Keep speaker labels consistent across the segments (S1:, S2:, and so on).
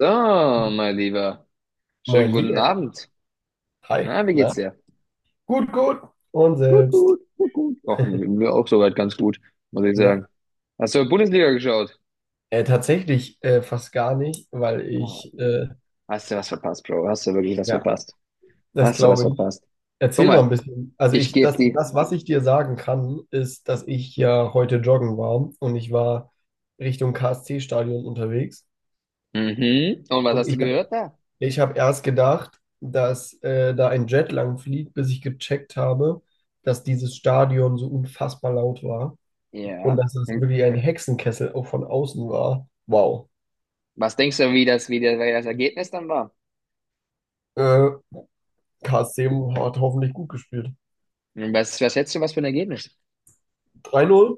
S1: So, mein Lieber.
S2: Moin,
S1: Schönen guten
S2: lieber Herr.
S1: Abend.
S2: Hi,
S1: Na, wie geht's
S2: na?
S1: dir?
S2: Gut, gut. Und
S1: Gut,
S2: selbst.
S1: gut, gut, gut. Ach, mir auch soweit ganz gut, muss ich
S2: Ja,
S1: sagen. Hast du Bundesliga geschaut?
S2: tatsächlich fast gar nicht, weil
S1: Oh, Jemine. Hast du was verpasst, Bro? Hast du wirklich was
S2: ja,
S1: verpasst?
S2: das
S1: Hast du was
S2: glaube ich.
S1: verpasst? Guck
S2: Erzähl mal ein
S1: mal,
S2: bisschen. Also
S1: ich geb die.
S2: was ich dir sagen kann, ist, dass ich ja heute joggen war und ich war Richtung KSC-Stadion unterwegs.
S1: Mhm. Und was
S2: Und
S1: hast du
S2: ich, hab-
S1: gehört da?
S2: Ich habe erst gedacht, dass da ein Jet lang fliegt, bis ich gecheckt habe, dass dieses Stadion so unfassbar laut war. Und
S1: Ja.
S2: dass es
S1: Hm.
S2: wirklich ein Hexenkessel auch von außen war. Wow.
S1: Was denkst du, wie das Ergebnis dann war?
S2: Äh, KSC hat hoffentlich gut gespielt.
S1: Hm, was schätzt du, was für ein Ergebnis?
S2: 3-0?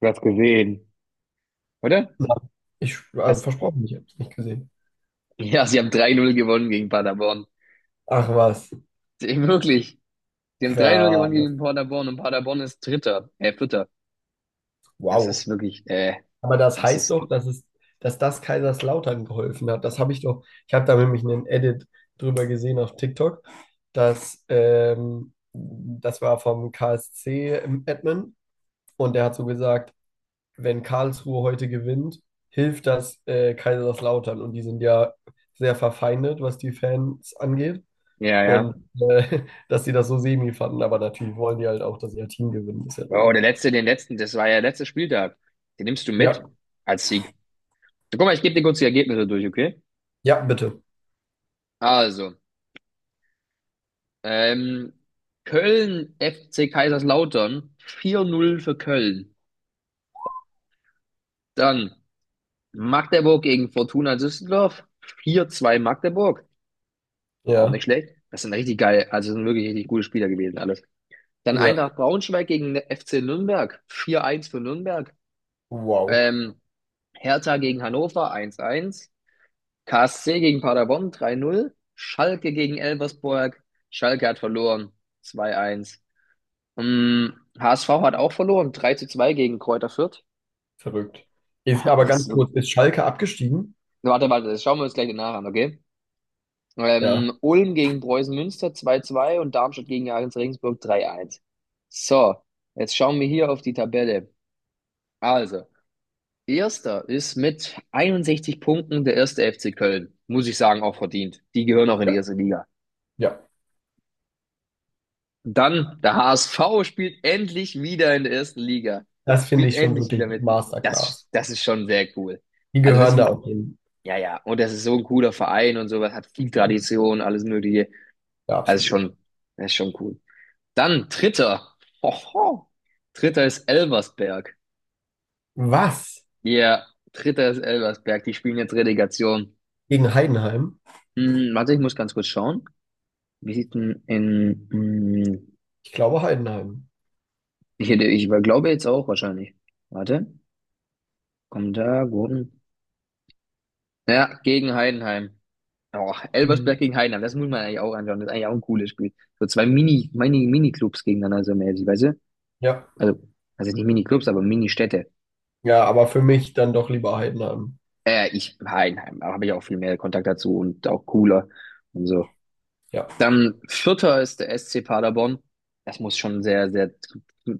S1: Du hast gesehen, oder?
S2: Nein. Ich, also
S1: Hast,
S2: versprochen, ich habe es nicht gesehen.
S1: ja, sie haben 3-0 gewonnen gegen Paderborn.
S2: Ach was,
S1: Wirklich. Sie haben 3-0 gewonnen
S2: krass.
S1: gegen Paderborn und Paderborn ist Dritter, Vierter. Das
S2: Wow.
S1: ist wirklich,
S2: Aber das
S1: das
S2: heißt
S1: ist,
S2: doch, dass es, dass das Kaiserslautern geholfen hat. Das habe ich doch, ich habe da nämlich einen Edit drüber gesehen auf TikTok, dass das war vom KSC in Edmund und der hat so gesagt, wenn Karlsruhe heute gewinnt, hilft das Kaiserslautern. Und die sind ja sehr verfeindet, was die Fans angeht.
S1: ja, ja.
S2: Und dass sie das so semi fanden. Aber natürlich wollen die halt auch, dass ihr Team gewinnt, ist ja
S1: Oh,
S2: logisch.
S1: der letzte, den letzten, das war ja der letzte Spieltag. Den nimmst du mit
S2: Ja,
S1: als Sieg. So, guck mal, ich gebe dir kurz die Ergebnisse durch, okay?
S2: ja, bitte.
S1: Also, ähm, Köln FC Kaiserslautern, 4-0 für Köln. Dann Magdeburg gegen Fortuna Düsseldorf, 4-2 Magdeburg. Auch
S2: Ja,
S1: nicht schlecht. Das sind richtig geil, also das sind wirklich richtig gute Spieler gewesen, alles. Dann
S2: ja.
S1: Eintracht Braunschweig gegen FC Nürnberg, 4-1 für Nürnberg.
S2: Wow,
S1: Ähm, Hertha gegen Hannover, 1-1, KSC gegen Paderborn, 3-0, Schalke gegen Elversberg. Schalke hat verloren, 2-1. Mm, HSV hat auch verloren, 3-2 gegen Kräuter Fürth.
S2: verrückt. Ist, aber
S1: Das
S2: ganz
S1: ist
S2: kurz,
S1: wirklich.
S2: ist Schalke abgestiegen?
S1: Warte, warte, das schauen wir uns gleich nach an, okay?
S2: Ja,
S1: Ulm gegen Preußen Münster, 2-2 und Darmstadt gegen Jahres Regensburg, 3-1. So, jetzt schauen wir hier auf die Tabelle. Also, Erster ist mit 61 Punkten der erste FC Köln. Muss ich sagen, auch verdient. Die gehören auch in die
S2: ja,
S1: erste Liga.
S2: ja.
S1: Dann der HSV spielt endlich wieder in der ersten Liga.
S2: Das finde
S1: Spielt
S2: ich schon
S1: endlich
S2: wirklich
S1: wieder mit. Das,
S2: Masterclass.
S1: das ist schon sehr cool.
S2: Die
S1: Also das,
S2: gehören da auch hin.
S1: ja, ja. Und das ist so ein cooler Verein und sowas. Hat viel
S2: Ja,
S1: Tradition, alles Mögliche.
S2: ja,
S1: Also
S2: absolut.
S1: schon, das ist schon cool. Dann dritter. Hoho. Dritter ist Elversberg.
S2: Was?
S1: Ja, dritter ist Elversberg. Die spielen jetzt Relegation.
S2: Gegen Heidenheim?
S1: Hm, warte, ich muss ganz kurz schauen. Wie sieht denn in,
S2: Ich glaube Heidenheim.
S1: glaube jetzt auch wahrscheinlich. Warte, komm da, Gurken. Ja, gegen Heidenheim. Oh, Elversberg
S2: Mhm.
S1: gegen Heidenheim, das muss man eigentlich auch anschauen. Das ist eigentlich auch ein cooles Spiel. So zwei Mini, Mini, Mini-Clubs gegeneinander, so mäßig, weißt du?
S2: Ja.
S1: Also, also, nicht Mini-Clubs, aber Mini-Städte.
S2: Ja, aber für mich dann doch lieber Heidenheim.
S1: Heidenheim, da habe ich auch viel mehr Kontakt dazu und auch cooler und so.
S2: Ja,
S1: Dann Vierter ist der SC Paderborn. Das muss schon sehr, sehr,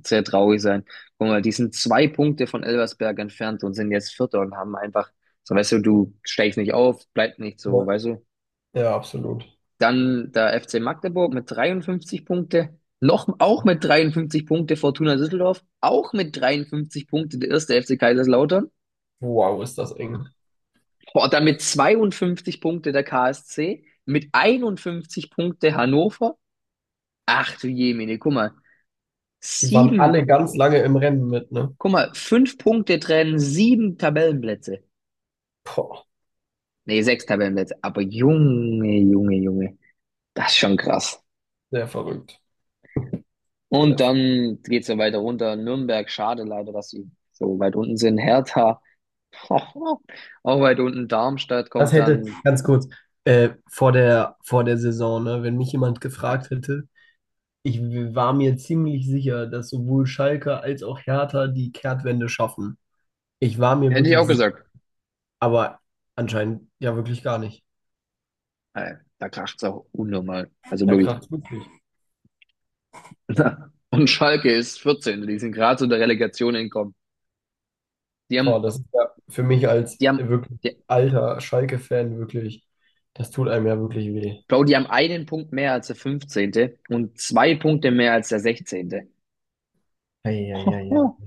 S1: sehr traurig sein. Guck mal, die sind 2 Punkte von Elversberg entfernt und sind jetzt Vierter und haben einfach, so weißt du, du steigst nicht auf, bleib nicht so,
S2: ja,
S1: weißt du.
S2: ja, absolut.
S1: Dann der FC Magdeburg mit 53 Punkte. Noch, auch mit 53 Punkte Fortuna Düsseldorf. Auch mit 53 Punkte der erste FC Kaiserslautern.
S2: Wow, ist das eng.
S1: Boah, dann mit 52 Punkte der KSC. Mit 51 Punkte Hannover. Ach du Jemine, guck mal.
S2: Die waren alle
S1: Sieben.
S2: ganz lange im Rennen mit, ne?
S1: Guck mal, 5 Punkte trennen, 7 Tabellenplätze.
S2: Boah,
S1: Nee, 6 Tabellenplätze. Aber Junge, Junge, Junge. Das ist schon krass.
S2: sehr verrückt. Sehr
S1: Und
S2: ver-
S1: dann geht's ja weiter runter. Nürnberg, schade leider, dass sie so weit unten sind. Hertha, auch weit unten. Darmstadt
S2: Das
S1: kommt dann.
S2: ganz kurz, vor vor der Saison, ne, wenn mich jemand
S1: Ja,
S2: gefragt hätte, war mir ziemlich sicher, dass sowohl Schalke als auch Hertha die Kehrtwende schaffen. Ich war mir
S1: hätte ich auch
S2: wirklich sicher,
S1: gesagt.
S2: aber anscheinend ja wirklich gar nicht.
S1: Da kracht's auch unnormal. Also
S2: Ja,
S1: wirklich.
S2: krass,
S1: Und Schalke ist 14. Die sind gerade zu der Relegation entkommen. Die
S2: boah,
S1: haben,
S2: das ist ja für mich als
S1: die haben,
S2: wirklich alter Schalke-Fan wirklich, das tut einem ja wirklich weh.
S1: Bro, die haben einen Punkt mehr als der 15. und 2 Punkte mehr als der sechzehnte.
S2: Eieiei.
S1: Hoho.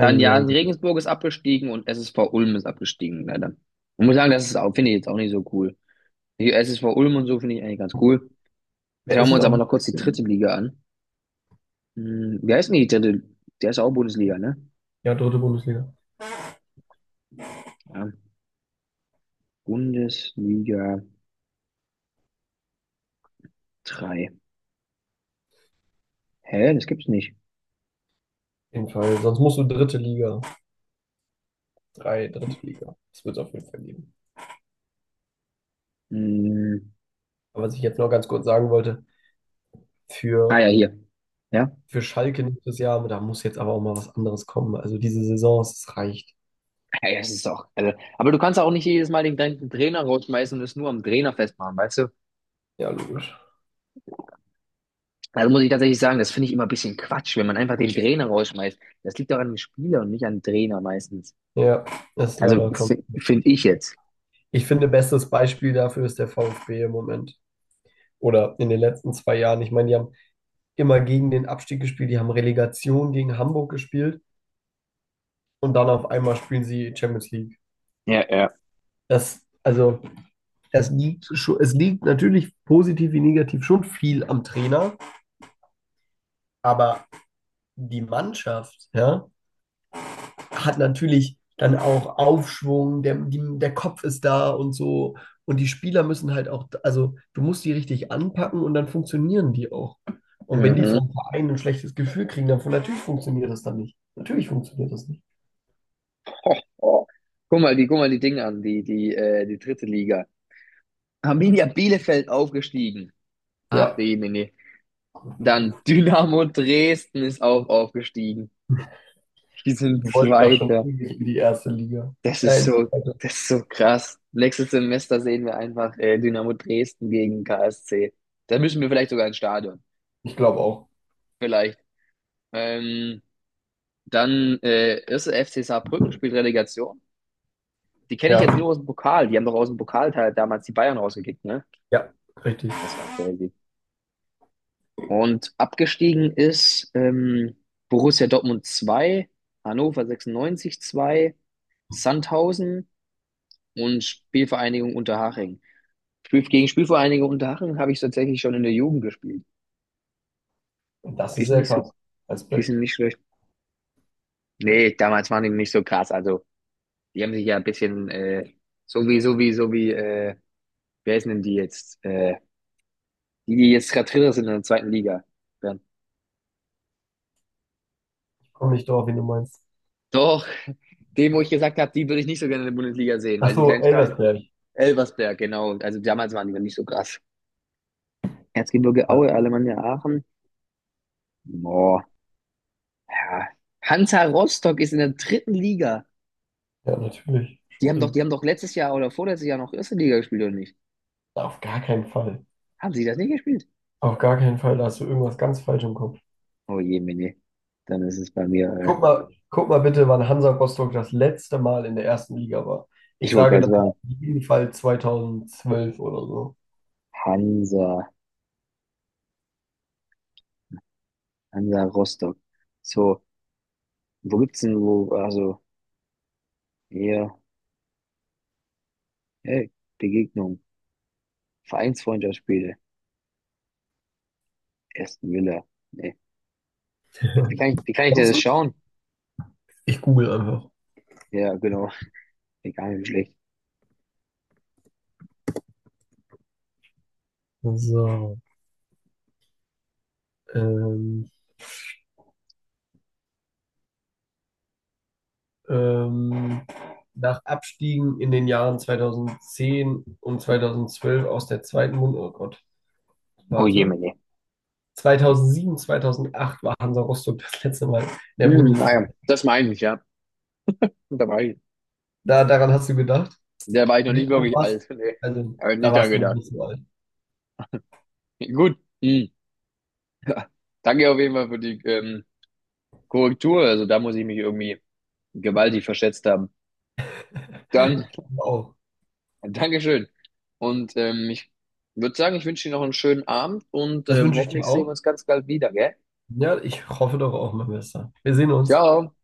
S1: Dann ja,
S2: Eieiei.
S1: Regensburg ist abgestiegen und SSV Ulm ist abgestiegen, leider. Ich muss sagen, das ist auch, finde ich jetzt auch nicht so cool. Die SSV Ulm und so finde ich eigentlich ganz cool. Jetzt
S2: Wer
S1: schauen
S2: ist
S1: wir
S2: denn
S1: uns aber
S2: auf?
S1: noch kurz die dritte Liga an. Hm, wie heißt denn die dritte? Der ist auch Bundesliga, ne?
S2: Ja, dritte Bundesliga. Auf
S1: Ja, Bundesliga 3? Hä? Das gibt's nicht.
S2: jeden Fall. Sonst musst du dritte Liga. Drei, dritte Liga. Das wird es auf jeden Fall geben.
S1: Hm,
S2: Aber was ich jetzt noch ganz kurz sagen wollte,
S1: ah
S2: für,
S1: ja, hier. Ja,
S2: für Schalke nächstes Jahr, da muss jetzt aber auch mal was anderes kommen. Also diese Saison, es reicht.
S1: Ja, ja, es ist auch. Also, aber du kannst auch nicht jedes Mal den gleichen Trainer rausschmeißen und es nur am Trainer festmachen, weißt du?
S2: Ja, logisch.
S1: Also muss ich tatsächlich sagen, das finde ich immer ein bisschen Quatsch, wenn man einfach den Trainer rausschmeißt. Das liegt doch an dem Spieler und nicht an dem Trainer meistens.
S2: Ja, das ist
S1: Also
S2: leider kommt.
S1: finde ich jetzt.
S2: Ich finde, bestes Beispiel dafür ist der VfB im Moment. Oder in den letzten zwei Jahren. Ich meine, die haben immer gegen den Abstieg gespielt. Die haben Relegation gegen Hamburg gespielt und dann auf einmal spielen sie Champions League.
S1: Ja, ja.
S2: Das, also, das liegt schon, es liegt natürlich positiv wie negativ schon viel am Trainer, aber die Mannschaft, ja, hat natürlich dann auch Aufschwung, der Kopf ist da und so. Und die Spieler müssen halt auch, also du musst die richtig anpacken und dann funktionieren die auch. Und wenn die
S1: Mhm.
S2: vom Verein ein schlechtes Gefühl kriegen, dann von natürlich funktioniert das dann nicht. Natürlich funktioniert das nicht.
S1: Ho, ho. Guck mal, guck mal die Dinge an, die dritte Liga. Arminia Bielefeld aufgestiegen. Ach,
S2: Ja,
S1: nee, nee, nee. Dann Dynamo Dresden ist auch aufgestiegen. Die sind
S2: die wollten doch schon
S1: Zweiter.
S2: ewig in die erste Liga.
S1: Das ist so, das ist so krass. Nächstes Semester sehen wir einfach Dynamo Dresden gegen KSC. Da müssen wir vielleicht sogar ins Stadion.
S2: Ich glaube auch.
S1: Vielleicht. Ähm, dann erste FC Saarbrücken spielt Relegation. Die kenne ich
S2: Ja,
S1: jetzt nur aus dem Pokal. Die haben doch aus dem Pokalteil damals die Bayern rausgekickt, ne?
S2: ja, richtig.
S1: Das war crazy. Und abgestiegen ist Borussia Dortmund zwei, Hannover 96 2, Sandhausen und Spielvereinigung Unterhaching. Gegen Spielvereinigung Unterhaching habe ich tatsächlich schon in der Jugend gespielt.
S2: Und das
S1: Die
S2: ist
S1: sind
S2: sehr
S1: nicht so,
S2: krass.
S1: die
S2: Respekt.
S1: sind nicht schlecht. Nee, damals waren die nicht so krass. Also, die haben sich ja ein bisschen, so wie, wer ist denn die jetzt? Die, die jetzt gerade Dritter sind in der zweiten Liga. Dann.
S2: Ich komme nicht drauf, wen du meinst.
S1: Doch, wo ich gesagt habe, die würde ich nicht so gerne in der Bundesliga sehen,
S2: Ach
S1: weil die
S2: so,
S1: kleinen Stadien.
S2: Elversberg.
S1: Elversberg, genau. Also damals waren die noch nicht so krass. Erzgebirge
S2: Ja,
S1: Aue, Alemannia Aachen. Boah, ja. Hansa Rostock ist in der dritten Liga.
S2: ja, natürlich.
S1: Die
S2: Schon
S1: haben doch, die
S2: ewig.
S1: haben doch letztes Jahr oder vorletztes Jahr noch erste Liga gespielt, oder nicht?
S2: Auf gar keinen Fall.
S1: Haben sie das nicht gespielt?
S2: Auf gar keinen Fall. Da hast du irgendwas ganz falsch im Kopf.
S1: Oh je, Mini. Dann ist es bei mir,
S2: Guck mal bitte, wann Hansa Rostock das letzte Mal in der ersten Liga war. Ich
S1: ich wollte
S2: sage,
S1: gerade
S2: das war
S1: sagen,
S2: auf jeden Fall zweitausendzwölf oder so.
S1: Hansa, Hansa Rostock. So, wo gibt's denn, wo, also, hier, hey, Begegnung, Vereinsfreundschaftsspiele, Aston Villa. Nee. Wie kann ich denn
S2: Kommst
S1: das
S2: du?
S1: schauen?
S2: Ich google einfach.
S1: Ja, genau. Egal, nicht wie schlecht.
S2: So, ähm. ähm, nach Abstiegen in den Jahren 2010 und 2012 aus der zweiten Bund, oh Gott,
S1: Oh je,
S2: warte.
S1: Mini.
S2: 2007, 2008 war Hansa Rostock das letzte Mal in der
S1: Hm,
S2: Bundesliga.
S1: naja, das meine ich, ja. Da war ich,
S2: Da, daran hast du gedacht?
S1: da war ich noch
S2: Siehst
S1: nicht
S2: du.
S1: wirklich alt. Nee.
S2: Also,
S1: Habe ich
S2: da
S1: nicht dran
S2: warst du noch
S1: gedacht.
S2: nicht so alt.
S1: Gut. Hm. Danke auf jeden Fall für die Korrektur. Also da muss ich mich irgendwie gewaltig verschätzt haben. Dann,
S2: Ich glaube auch.
S1: Dankeschön. Und ich würde sagen, ich wünsche dir noch einen schönen Abend und
S2: Das wünsche ich dir
S1: hoffentlich sehen wir
S2: auch.
S1: uns ganz bald wieder, gell?
S2: Ja, ich hoffe doch auch, mein Bester. Wir sehen uns.
S1: Ciao.